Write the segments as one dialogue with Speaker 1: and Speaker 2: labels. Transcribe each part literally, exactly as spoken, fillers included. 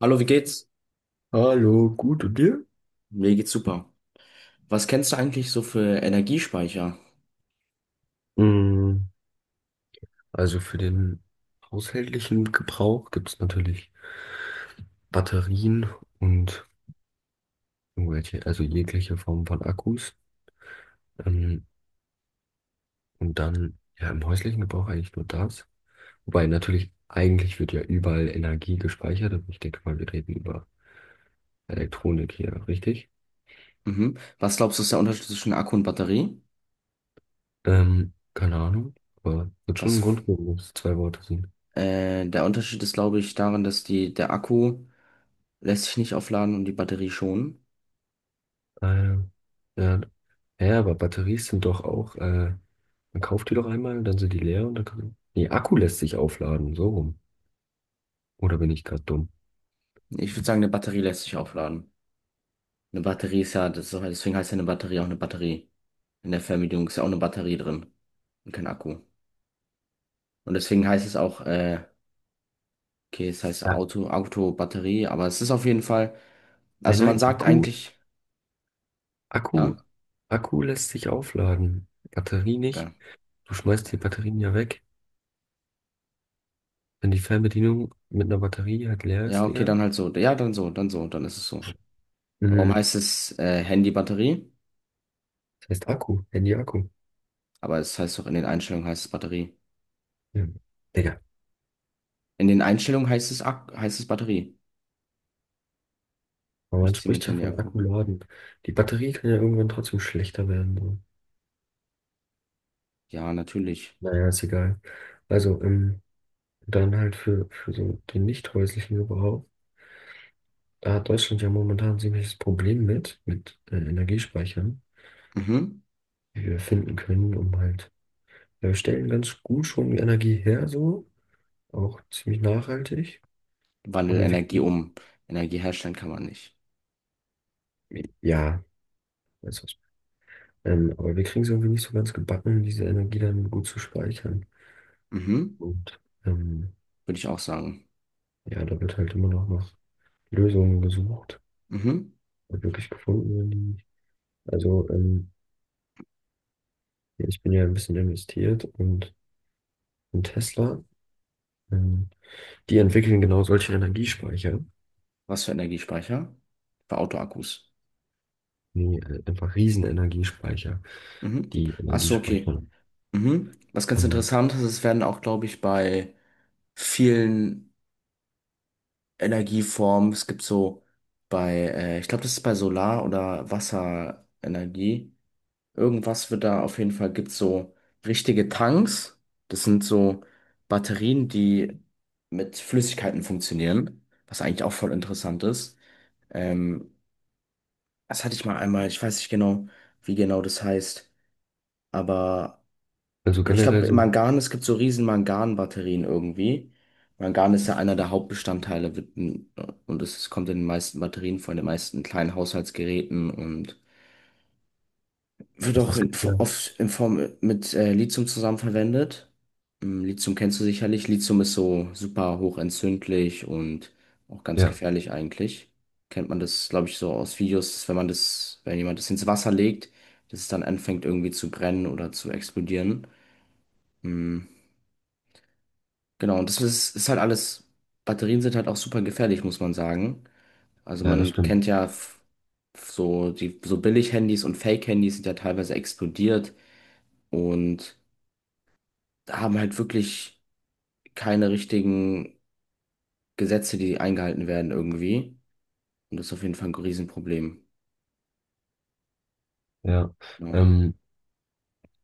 Speaker 1: Hallo, wie geht's?
Speaker 2: Hallo, gut und dir?
Speaker 1: Mir geht's super. Was kennst du eigentlich so für Energiespeicher?
Speaker 2: Mm, Also für den haushältlichen Gebrauch gibt es natürlich Batterien und irgendwelche, also jegliche Form von Akkus. Ähm, und dann ja im häuslichen Gebrauch eigentlich nur das. Wobei natürlich, eigentlich wird ja überall Energie gespeichert, aber ich denke mal, wir reden über Elektronik hier, richtig?
Speaker 1: Mhm. Was glaubst du, ist der Unterschied zwischen Akku und Batterie?
Speaker 2: Ähm, keine Ahnung, aber wird schon
Speaker 1: Was,
Speaker 2: einen Grund geben, dass es zwei Worte sind.
Speaker 1: äh, Der Unterschied ist, glaube ich, darin, dass die, der Akku lässt sich nicht aufladen und die Batterie schon.
Speaker 2: Ähm, ja, ja, aber Batterien sind doch auch, äh, man kauft die doch einmal, dann sind die leer und dann kann, nee, Akku lässt sich aufladen, so rum. Oder bin ich gerade dumm?
Speaker 1: Ich würde sagen, eine Batterie lässt sich aufladen. Eine Batterie ist ja, das ist, auch- deswegen heißt ja eine Batterie auch eine Batterie. In der Fernbedienung ist ja auch eine Batterie drin und kein Akku. Und deswegen heißt es auch, äh, okay, es heißt
Speaker 2: Ja.
Speaker 1: Auto, Auto, Batterie, aber es ist auf jeden Fall,
Speaker 2: Ja,
Speaker 1: also man
Speaker 2: nein,
Speaker 1: sagt
Speaker 2: Akku,
Speaker 1: eigentlich,
Speaker 2: Akku,
Speaker 1: ja,
Speaker 2: Akku lässt sich aufladen. Batterie nicht.
Speaker 1: geil.
Speaker 2: Du schmeißt die Batterien ja weg. Wenn die Fernbedienung mit einer Batterie halt leer
Speaker 1: Ja,
Speaker 2: ist,
Speaker 1: okay,
Speaker 2: Digga.
Speaker 1: dann halt so. Ja, dann so, dann so, dann ist es so. Warum
Speaker 2: Mhm.
Speaker 1: heißt es äh, Handy-Batterie?
Speaker 2: Das heißt Akku, Handy-Akku.
Speaker 1: Aber es heißt doch, in den Einstellungen heißt es Batterie.
Speaker 2: Ja. Digga,
Speaker 1: In den Einstellungen heißt es, Ak heißt es Batterie.
Speaker 2: aber
Speaker 1: Ich
Speaker 2: man
Speaker 1: ziehe mit
Speaker 2: spricht ja von
Speaker 1: Handy-Akku.
Speaker 2: Akku laden. Die Batterie kann ja irgendwann trotzdem schlechter werden. So.
Speaker 1: Ja, natürlich.
Speaker 2: Naja, ist egal. Also, ähm, dann halt für, für so den nicht häuslichen Gebrauch. Da hat Deutschland ja momentan ein ziemliches Problem mit, mit äh, Energiespeichern,
Speaker 1: Mhm.
Speaker 2: die wir finden können, um halt, ja, wir stellen ganz gut schon die Energie her, so, auch ziemlich nachhaltig.
Speaker 1: Wandel
Speaker 2: Aber wir,
Speaker 1: Energie um. Energie herstellen kann man nicht.
Speaker 2: ja, weiß was. Ähm, aber wir kriegen es irgendwie nicht so ganz gebacken, diese Energie dann gut zu speichern.
Speaker 1: Mhm.
Speaker 2: Und ähm,
Speaker 1: Würde ich auch sagen.
Speaker 2: ja, da wird halt immer noch nach Lösungen gesucht,
Speaker 1: Mhm.
Speaker 2: ob wirklich gefunden werden. die- Also, ähm, ja, ich bin ja ein bisschen investiert und Und Tesla, ähm, die entwickeln genau solche Energiespeicher,
Speaker 1: Was für Energiespeicher? Für Autoakkus.
Speaker 2: wie äh, einfach Riesenenergiespeicher,
Speaker 1: Mhm.
Speaker 2: die
Speaker 1: Ach
Speaker 2: Energie
Speaker 1: so, okay.
Speaker 2: speichern.
Speaker 1: Mhm. Was ganz
Speaker 2: Ähm,
Speaker 1: interessant ist, es werden auch, glaube ich, bei vielen Energieformen. Es gibt so bei, äh, ich glaube, das ist bei Solar- oder Wasserenergie. Irgendwas wird da auf jeden Fall, gibt so richtige Tanks. Das sind so Batterien, die mit Flüssigkeiten funktionieren, was eigentlich auch voll interessant ist. Ähm, Das hatte ich mal einmal, ich weiß nicht genau, wie genau das heißt, aber.
Speaker 2: also
Speaker 1: Ich
Speaker 2: generell
Speaker 1: glaube,
Speaker 2: so,
Speaker 1: Mangan, es gibt so riesen Mangan-Batterien irgendwie. Mangan ist ja einer der Hauptbestandteile wird in- und es kommt in den meisten Batterien vor, in den meisten kleinen Haushaltsgeräten und wird
Speaker 2: also
Speaker 1: auch
Speaker 2: es
Speaker 1: in,
Speaker 2: gibt ja,
Speaker 1: oft in Form äh, mit äh, Lithium zusammen verwendet. Ähm, Lithium kennst du sicherlich. Lithium ist so super hochentzündlich und auch ganz
Speaker 2: ja,
Speaker 1: gefährlich eigentlich. Kennt man das, glaube ich, so aus Videos, dass wenn man das, wenn jemand das ins Wasser legt, dass es dann anfängt irgendwie zu brennen oder zu explodieren. Mm. Genau, und das ist, ist halt alles, Batterien sind halt auch super gefährlich, muss man sagen. Also
Speaker 2: ja, das
Speaker 1: man
Speaker 2: stimmt.
Speaker 1: kennt ja f- so die so Billig-Handys und Fake-Handys sind ja teilweise explodiert und haben halt wirklich keine richtigen Gesetze, die eingehalten werden irgendwie. Und das ist auf jeden Fall ein Riesenproblem.
Speaker 2: Ja,
Speaker 1: Genau.
Speaker 2: ähm,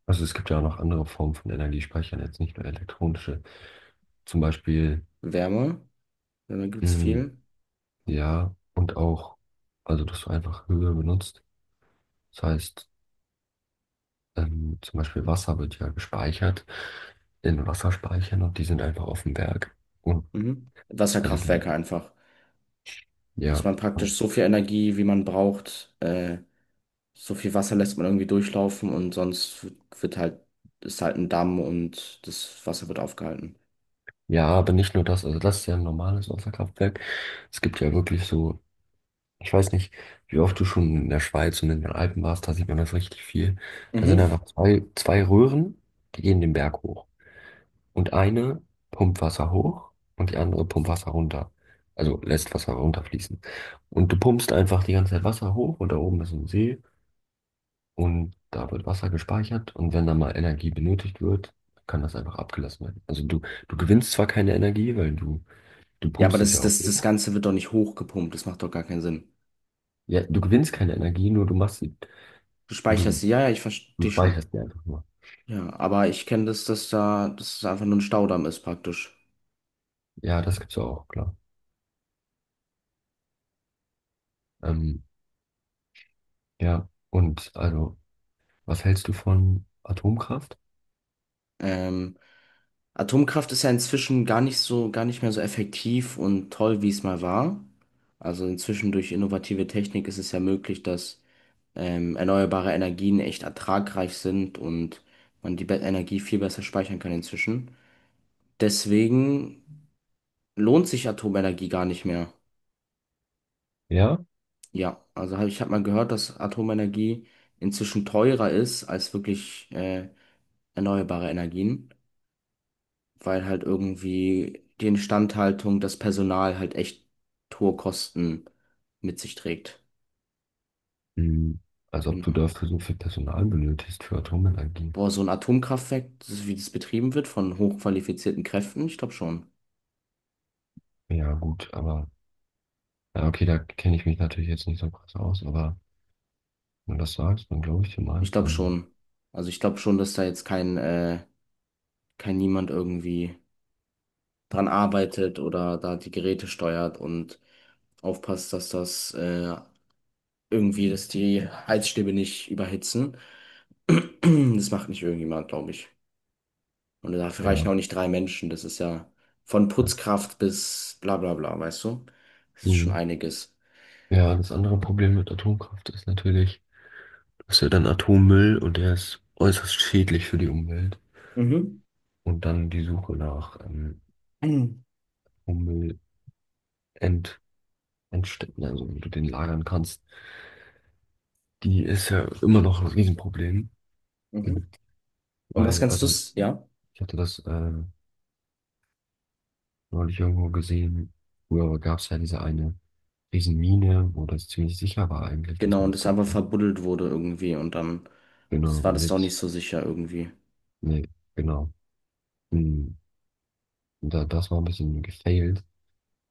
Speaker 2: also es gibt ja auch noch andere Formen von Energiespeichern, jetzt nicht nur elektronische. Zum Beispiel,
Speaker 1: Wärme, Wärme gibt's
Speaker 2: mh,
Speaker 1: viel.
Speaker 2: ja, und auch, also dass du einfach Höhe benutzt. Das heißt, ähm, zum Beispiel Wasser wird ja gespeichert in Wasserspeichern und die sind einfach auf dem Berg. Und
Speaker 1: Mhm.
Speaker 2: also,
Speaker 1: Wasserkraftwerke einfach. Dass
Speaker 2: ja.
Speaker 1: man praktisch so viel Energie, wie man braucht, äh, so viel Wasser lässt man irgendwie durchlaufen und sonst wird halt, ist halt ein Damm und das Wasser wird aufgehalten.
Speaker 2: Ja, aber nicht nur das. Also, das ist ja ein normales Wasserkraftwerk. Es gibt ja wirklich so, ich weiß nicht, wie oft du schon in der Schweiz und in den Alpen warst, da sieht man das richtig viel. Da sind einfach
Speaker 1: Mhm.
Speaker 2: zwei, zwei Röhren, die gehen den Berg hoch. Und eine pumpt Wasser hoch und die andere pumpt Wasser runter. Also lässt Wasser runterfließen. Und du pumpst einfach die ganze Zeit Wasser hoch und da oben ist so ein See. Und da wird Wasser gespeichert und wenn da mal Energie benötigt wird, kann das einfach abgelassen werden. Also du, du gewinnst zwar keine Energie, weil du, du
Speaker 1: Ja, aber
Speaker 2: pumpst es
Speaker 1: das,
Speaker 2: ja auch
Speaker 1: das, das
Speaker 2: hoch.
Speaker 1: Ganze wird doch nicht hochgepumpt, das macht doch gar keinen Sinn.
Speaker 2: Ja, du gewinnst keine Energie, nur du machst sie,
Speaker 1: Du speicherst
Speaker 2: du,
Speaker 1: sie, ja, ja, ich
Speaker 2: du
Speaker 1: verstehe schon.
Speaker 2: speicherst die einfach nur.
Speaker 1: Ja, aber ich kenne das, dass da, dass es einfach nur ein Staudamm ist praktisch.
Speaker 2: Ja, das gibt's ja auch, klar. Ähm, ja, und also, was hältst du von Atomkraft?
Speaker 1: Ähm, Atomkraft ist ja inzwischen gar nicht so, gar nicht mehr so effektiv und toll, wie es mal war. Also inzwischen durch innovative Technik ist es ja möglich, dass ähm, erneuerbare Energien echt ertragreich sind und man die Be- Energie viel besser speichern kann inzwischen. Deswegen lohnt sich Atomenergie gar nicht mehr.
Speaker 2: Ja?
Speaker 1: Ja, also hab, ich habe mal gehört, dass Atomenergie inzwischen teurer ist als wirklich äh, erneuerbare Energien, weil halt irgendwie die Instandhaltung, das Personal halt echt hohe Kosten mit sich trägt.
Speaker 2: Hm, als ob du
Speaker 1: Genau.
Speaker 2: dafür so viel Personal benötigst für Atomenergie.
Speaker 1: Boah, so ein Atomkraftwerk, das ist, wie das betrieben wird von hochqualifizierten Kräften, ich glaube schon.
Speaker 2: Ja, gut, aber, ja, okay, da kenne ich mich natürlich jetzt nicht so krass aus, aber. Wenn du das sagst, dann glaube ich dir
Speaker 1: Ich
Speaker 2: mal.
Speaker 1: glaube
Speaker 2: Ähm,
Speaker 1: schon. Also ich glaube schon, dass da jetzt kein, äh, kein niemand irgendwie dran arbeitet oder da die Geräte steuert und aufpasst, dass das äh, irgendwie, dass die Heizstäbe nicht überhitzen. Das macht nicht irgendjemand, glaube ich. Und dafür reichen
Speaker 2: ja.
Speaker 1: auch nicht drei Menschen. Das ist ja von
Speaker 2: Ja.
Speaker 1: Putzkraft bis bla bla bla, weißt du? Das ist schon
Speaker 2: Mhm.
Speaker 1: einiges.
Speaker 2: Ja, das andere Problem mit Atomkraft ist natürlich, du hast ja dann Atommüll und der ist äußerst schädlich für die Umwelt.
Speaker 1: Mhm.
Speaker 2: Und dann die Suche nach ähm, Atommüll-End Endstätten, also wo du den lagern kannst, die ist ja immer noch ein Riesenproblem. Mhm.
Speaker 1: Mhm. Und was
Speaker 2: Weil,
Speaker 1: kannst du,
Speaker 2: also
Speaker 1: ja?
Speaker 2: ich hatte das äh, neulich irgendwo gesehen, früher gab es ja diese eine Riesenmine, wo das ziemlich sicher war eigentlich, dass
Speaker 1: Genau,
Speaker 2: man
Speaker 1: und
Speaker 2: es
Speaker 1: das
Speaker 2: das
Speaker 1: einfach
Speaker 2: da.
Speaker 1: verbuddelt wurde irgendwie und dann
Speaker 2: Genau,
Speaker 1: ist, war
Speaker 2: und
Speaker 1: das doch nicht
Speaker 2: jetzt,
Speaker 1: so sicher irgendwie.
Speaker 2: nee, genau. Hm, da, das war ein bisschen gefailt.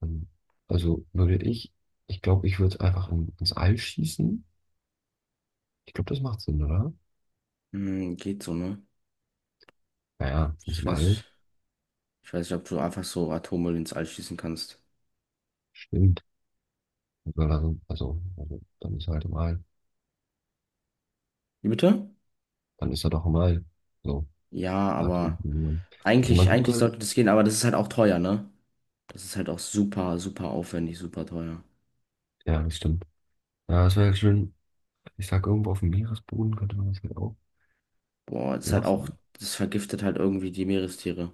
Speaker 2: Ähm, Also würde ich, ich glaube, ich würde einfach in, ins All schießen. Ich glaube, das macht Sinn, oder?
Speaker 1: Hm, geht so, ne?
Speaker 2: Naja, ins
Speaker 1: Ich weiß,
Speaker 2: All.
Speaker 1: Ich weiß nicht, ob du einfach so Atommüll ins All schießen kannst.
Speaker 2: Stimmt. Weil er so- Also, also, dann ist er halt im All.
Speaker 1: Wie bitte?
Speaker 2: Dann ist er doch im All. So,
Speaker 1: Ja,
Speaker 2: da
Speaker 1: aber
Speaker 2: drunten. man- Also
Speaker 1: eigentlich,
Speaker 2: man
Speaker 1: eigentlich
Speaker 2: könnte,
Speaker 1: sollte das gehen, aber das ist halt auch teuer, ne? Das ist halt auch super, super aufwendig, super teuer.
Speaker 2: ja, das stimmt. Ja, das wäre halt schön. Ich sag, irgendwo auf dem Meeresboden könnte man das halt auch
Speaker 1: Boah, das ist halt auch,
Speaker 2: lassen.
Speaker 1: das vergiftet halt irgendwie die Meerestiere.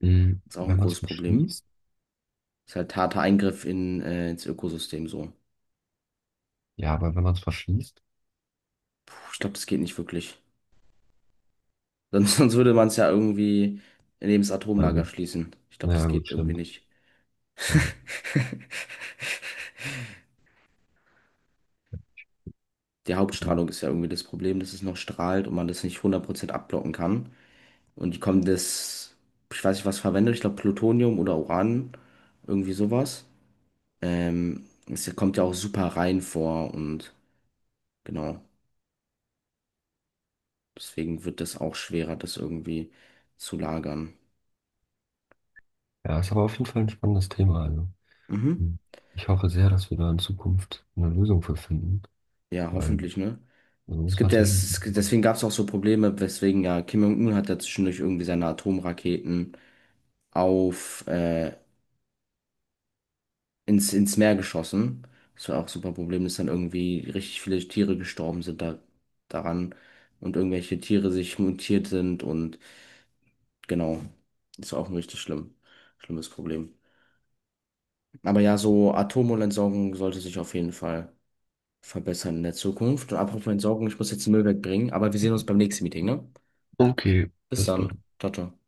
Speaker 2: Hm,
Speaker 1: Ist auch ein
Speaker 2: wenn man es
Speaker 1: großes Problem.
Speaker 2: beschließt.
Speaker 1: Ist halt harter Eingriff in, äh, ins Ökosystem so.
Speaker 2: Ja, aber wenn man es verschließt,
Speaker 1: Puh, ich glaube, das geht nicht wirklich. Sonst, sonst würde man es ja irgendwie neben das
Speaker 2: weil
Speaker 1: Atomlager
Speaker 2: gut,
Speaker 1: schließen. Ich glaube,
Speaker 2: naja,
Speaker 1: das
Speaker 2: gut,
Speaker 1: geht irgendwie
Speaker 2: stimmt.
Speaker 1: nicht.
Speaker 2: Ja.
Speaker 1: Die
Speaker 2: Hm.
Speaker 1: Hauptstrahlung ist ja irgendwie das Problem, dass es noch strahlt und man das nicht hundert Prozent abblocken kann. Und die kommen das, ich weiß nicht, was verwendet, ich glaube Plutonium oder Uran, irgendwie sowas. Ähm, es kommt ja auch super rein vor und genau, deswegen wird das auch schwerer, das irgendwie zu lagern.
Speaker 2: Ja, ist aber auf jeden Fall ein spannendes Thema. Also.
Speaker 1: Mhm.
Speaker 2: Hm. Ich hoffe sehr, dass wir da in Zukunft eine Lösung für finden,
Speaker 1: Ja,
Speaker 2: weil
Speaker 1: hoffentlich, ne?
Speaker 2: so
Speaker 1: Es
Speaker 2: ist
Speaker 1: gibt ja,
Speaker 2: natürlich ein
Speaker 1: es, es,
Speaker 2: bisschen.
Speaker 1: deswegen gab es auch so Probleme, weswegen ja Kim Jong-un hat ja zwischendurch irgendwie seine Atomraketen auf, äh, ins, ins Meer geschossen. Das war auch super Problem, dass dann irgendwie richtig viele Tiere gestorben sind da, daran und irgendwelche Tiere sich mutiert sind und genau, das war auch ein richtig schlimm, schlimmes Problem. Aber ja, so Atommüllentsorgung sollte sich auf jeden Fall verbessern in der Zukunft. Und apropos Entsorgung, ich muss jetzt den Müll wegbringen, aber wir sehen uns beim nächsten Meeting, ne?
Speaker 2: Okay,
Speaker 1: Bis
Speaker 2: bis
Speaker 1: dann.
Speaker 2: dann.
Speaker 1: Ciao, ciao.